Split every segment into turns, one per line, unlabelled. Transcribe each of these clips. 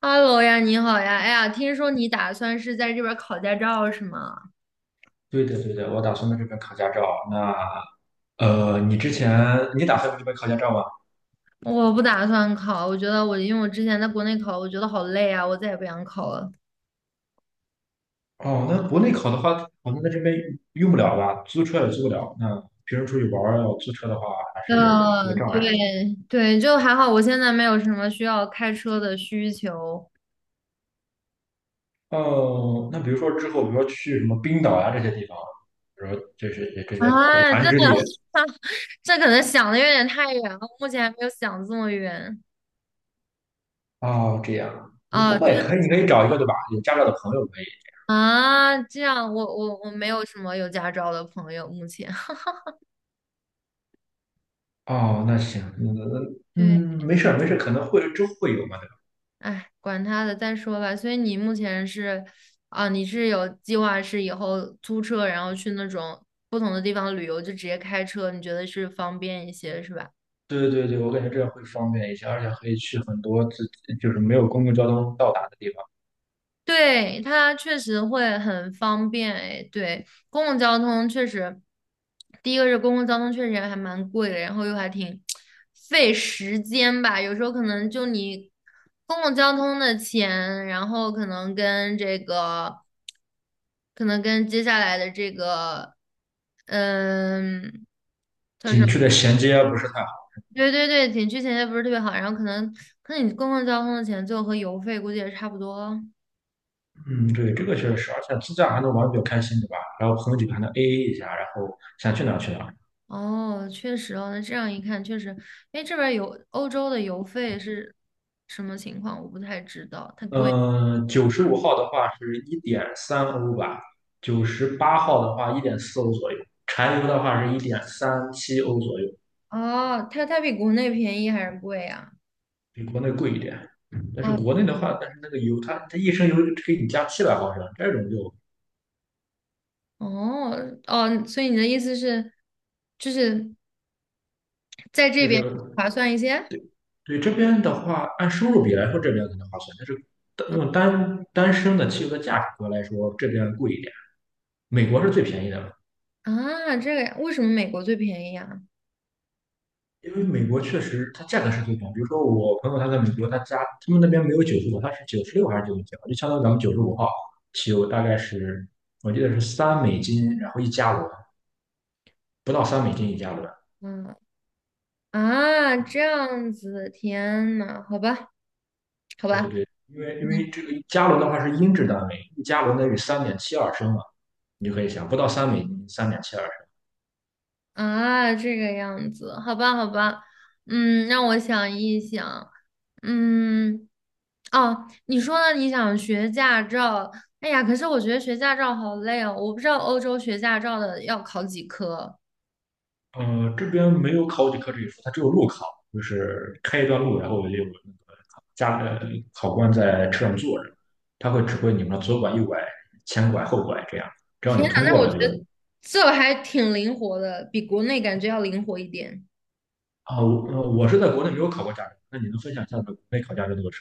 Hello 呀，你好呀！哎呀，听说你打算是在这边考驾照是吗？
对的，对的，我打算在这边考驾照。那你之前你打算在这边考驾照吗？
我不打算考，我觉得我因为我之前在国内考，我觉得好累啊，我再也不想考了。
哦，那国内考的话，好像在这边用不了吧？租车也租不了。那平时出去玩儿要租车的话，还是一个
嗯，
障
对
碍。
对，就还好，我现在没有什么需要开车的需求。
哦，那比如说之后，比如说去什么冰岛呀、这些地方，比如说这是也这些苦
啊，真
寒之
的，
地。
这可能想的有点太远了，目前还没有想这么远。
哦，这样。
啊，
不过
就
也可以，你可以找一个对吧？有驾照的朋友可以。
啊，这样，我没有什么有驾照的朋友，目前。
哦，那行，
对。
嗯，没事儿没事儿，可能会之后会有嘛。
哎，管他的，再说吧。所以你目前是，啊，你是有计划是以后租车，然后去那种不同的地方旅游，就直接开车，你觉得是方便一些，是吧？
对对对，我感觉这样会方便一些，而且可以去很多自己就是没有公共交通到达的地方，
对，它确实会很方便，哎，对，公共交通确实，第一个是公共交通确实还蛮贵的，然后又还挺费时间吧，有时候可能就你公共交通的钱，然后可能跟接下来的这个，嗯，
景区的衔接啊不是太好。
对对对，景区衔接不是特别好，然后可能你公共交通的钱最后和油费估计也差不多。
嗯，对，这个确实是，而且自驾还能玩得比较开心，对吧？然后朋友几个还能 AA 一下，然后想去哪儿去哪儿。
哦，确实哦，那这样一看确实，哎，这边儿有欧洲的油费是什么情况？我不太知道，太贵。
嗯，九十五号的话是1.3欧吧，98号的话1.4欧左右，柴油的话是1.37欧左右，
哦，它比国内便宜还是贵啊？
比国内贵一点。嗯，但是
啊，
国内的话，但是那个油它一升油就给你加700毫升，这种就
哦哦，所以你的意思是，就是在
就
这边
是
划算一些
对这边的话，按收入比来说，这边可能划算，但是单用单单升的汽油的价格来说，这边贵一点。美国是最便宜的嘛，
啊？这个呀为什么美国最便宜啊？
因为美国确实它价格是最便宜。比如说我朋友他在美国，他家他们那边没有九十五，他是96还是99，就相当于咱们九十五号汽油大概是我记得是三美金，然后一加仑，不到三美金一加仑。
嗯啊，这样子，天呐，好吧，好
对
吧，
对，因为
嗯，
这个加仑的话是英制单位，一加仑等于3.72升嘛，你就可以想，不到三美金，三点七二。
啊，这个样子，好吧，好吧，嗯，让我想一想，嗯，哦，你说呢？你想学驾照？哎呀，可是我觉得学驾照好累哦，我不知道欧洲学驾照的要考几科。
这边没有考几科这一说，它只有路考，就是开一段路，然后有那个加呃考官在车上坐着，他会指挥你们左拐、右拐、前拐、后拐这样，只要
天
你
呐，
通
那
过
我觉
了就
得
是。
这还挺灵活的，比国内感觉要灵活一点。
啊，我是在国内没有考过驾照，那你能分享一下国内考驾照的个程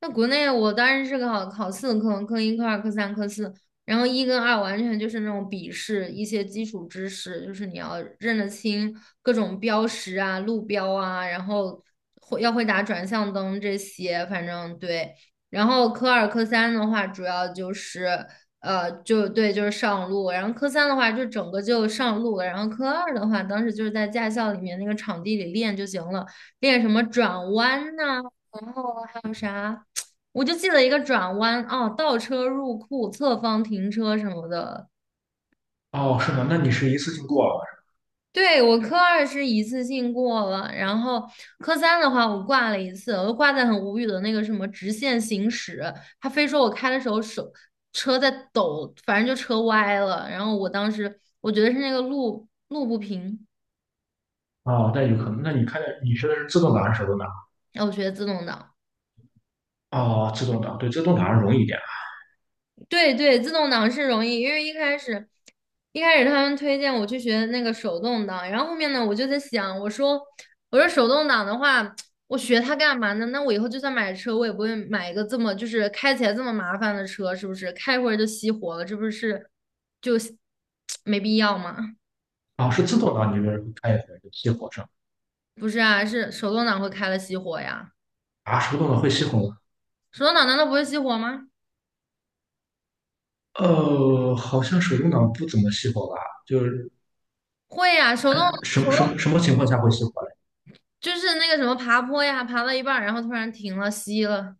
那国内我当时是考四科，科一、科二、科三、科四，然后一跟二完全就是那种笔试，一些基础知识，就是你要认得清各种标识啊、路标啊，然后会要会打转向灯这些，反正对。然后科二、科三的话，主要就是就对，就是上路。然后科三的话，就整个就上路了。然后科二的话，当时就是在驾校里面那个场地里练就行了，练什么转弯呐、然后还有啥？我就记得一个转弯哦，倒车入库、侧方停车什么的。
吗？哦，是吗？那你是一次性过了是
对，我科二是一次性过了，然后科三的话我挂了一次，我就挂在很无语的那个什么直线行驶，他非说我开的时候手车在抖，反正就车歪了，然后我当时我觉得是那个路不平，
吧？哦，那有可能。那你学的是自动挡还是手动挡？
然后我学的自动挡。
哦，自动挡，对，自动挡容易一点。
对对，自动挡是容易，因为一开始他们推荐我去学那个手动挡，然后后面呢，我就在想，我说手动挡的话，我学它干嘛呢？那我以后就算买车，我也不会买一个这么就是开起来这么麻烦的车，是不是？开一会儿就熄火了，这不是就 没必要吗？
哦，是自动挡，你就是开一会就熄火上？
不是啊，是手动挡会开了熄火呀，
啊，手动挡会熄火，吗？
手动挡难道不会熄火吗？
好像手动挡不怎么熄火吧？就是
会呀，手动
什
手
么
动
情况下会熄火嘞？
就是那个什么爬坡呀，爬到一半儿然后突然停了，熄了，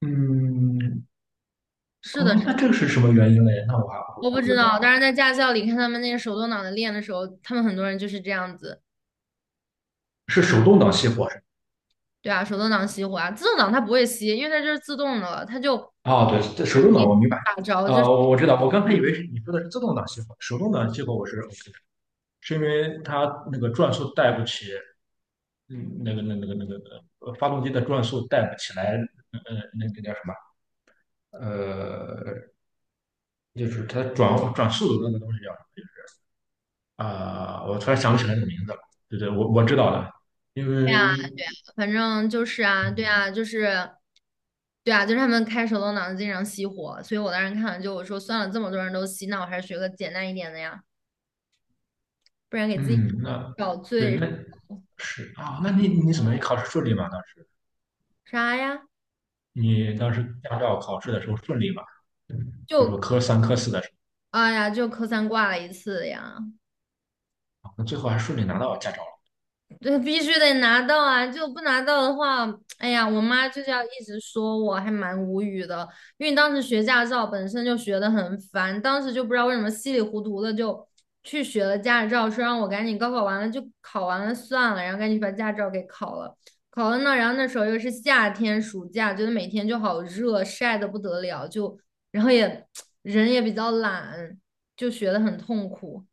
嗯，
是的。
哦，那这个是什么原因嘞？那我
我
还
不
不
知
知道，
道，但是在驾校里看他们那个手动挡的练的时候，他们很多人就是这样子，
是手动挡熄火是吗？
对啊，手动挡熄火啊，自动挡它不会熄，因为它就是自动的了，它就
哦，对，这
那
手动
你
挡我明白。
打着就是
我知道，我刚才以为是你说的是自动挡熄火，手动挡熄火我是 OK 的，是因为它那个转速带不起。嗯，那个发动机的转速带不起来。那个叫什么？呃，就是它转速的那个东西。叫。啊，我突然想不起来你的名字了。对对，我知道了，因
对啊，
为
反正就是啊，对啊，就是他们开手动挡的经常熄火，所以我当时看了就我说算了，这么多人都熄，那我还是学个简单一点的呀，不然给自己
嗯，那
找
对
罪
那是啊。那你你怎么你考试顺利吗？
啥呀？
你当时驾照考试的时候顺利吗？嗯，比如
就
说科三、科四的时
哎呀，就科三挂了一次呀，
候，那最后还顺利拿到驾照了。
对，必须得拿到啊！就不拿到的话，哎呀，我妈就是要一直说我，还蛮无语的。因为当时学驾照本身就学得很烦，当时就不知道为什么稀里糊涂的就去学了驾照，说让我赶紧高考完了就考完了算了，然后赶紧把驾照给考了。考了呢，然后那时候又是夏天，暑假，觉得每天就好热，晒得不得了，就然后也 人也比较懒，就学得很痛苦。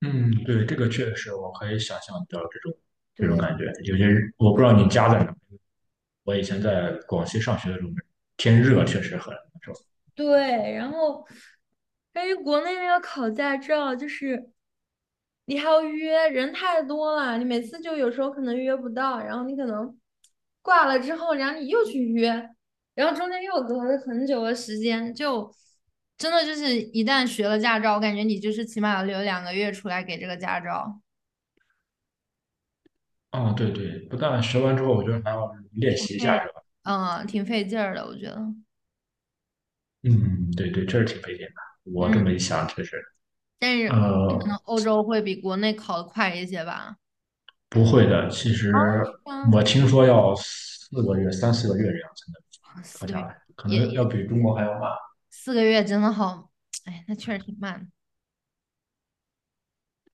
嗯，对，这个确实我可以想象到这种
对。
感觉。有些，是我不知道你家在哪，我以前在广西上学的时候，天热确实很难受。
对，然后关于国内那个考驾照，就是你还要约，人太多了，你每次就有时候可能约不到，然后你可能挂了之后，然后你又去约，然后中间又隔了很久的时间，就真的就是一旦学了驾照，我感觉你就是起码要留两个月出来给这个驾照，
哦，对对，不但学完之后，我觉得还要练习一下。
对，嗯，挺费劲儿的，我觉得，
嗯，对对，这是挺费劲的。我这
嗯，
么一想，确实，
但是可能
呃，
欧洲会比国内考的快一些吧。
不会的。其
哦，
实
是吗？
我听说要四个月、3、4个月这样才
啊
能
四
考
个
下
月
来，可
也
能
也
要比中国还要慢。
四个月真的好，哎，那确实挺慢的。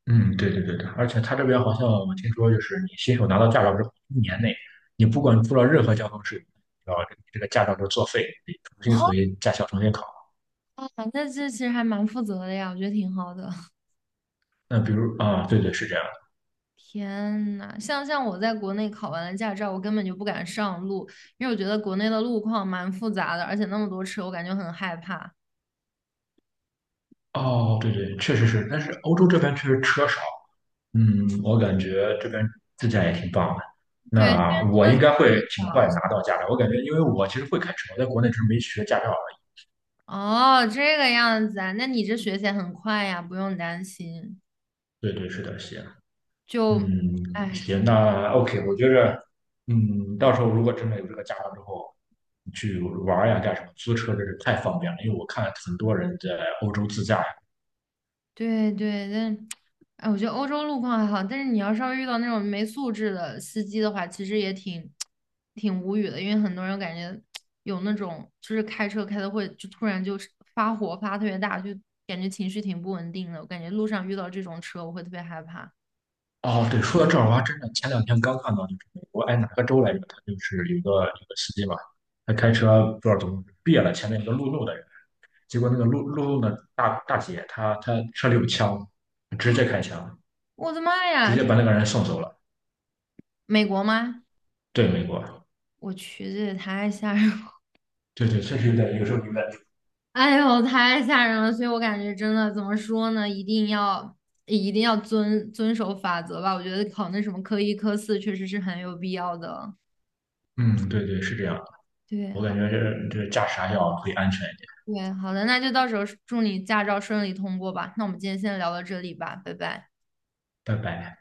嗯，对对对对，而且他这边好像我听说，就是你新手拿到驾照之后，1年内你不管出了任何交通事故，然后这个驾照就作废，得重新 回驾校重新考。
啊，那这其实还蛮负责的呀，我觉得挺好的。
那比如啊，对对是这样的。
天呐，像我在国内考完了驾照，我根本就不敢上路，因为我觉得国内的路况蛮复杂的，而且那么多车，我感觉很害怕。
哦，对对，确实是，但是欧洲这边确实车少。嗯，我感觉这边自驾也挺棒的。
对，
那我应该会挺快拿 到驾照。我感觉，因为我其实会开车，我在国内只是没学驾照而已。
哦，这个样子啊，那你这学起来很快呀，不用担心。
对对，是的，行。
就，
嗯，
哎，
行，
我
那 OK，我觉着，嗯，到时候如果真的有这个驾照之后，去玩儿呀干什么，租车真是太方便了。因为我看很多人在欧洲自驾呀。
对对，但哎，我觉得欧洲路况还好，但是你要稍微遇到那种没素质的司机的话，其实也挺无语的，因为很多人感觉有那种就是开车开的会就突然就是发火发特别大，就感觉情绪挺不稳定的。我感觉路上遇到这种车，我会特别害怕。
哦，对，说到这儿，我还真的前两天刚看到，就是美国，哎，哪个州来着，他就是有个司机嘛，他开车不知道怎么别了前面一个路怒的人。结果那个路的大姐，她车里有枪，直接开枪，
我的妈呀，
直接
天
把那个人送走了。
美国吗？
对，美国，
我去，这也太吓人了！
对对，确实有点，有时候有点。
哎呦，太吓人了！所以我感觉真的怎么说呢，一定要遵守法则吧。我觉得考那什么科一、科四确实是很有必要的。
嗯，对对，是这样。
对，
我感
好，
觉这驾驶还要注意安全一点。
对，好的，那就到时候祝你驾照顺利通过吧。那我们今天先聊到这里吧，拜拜。
拜拜。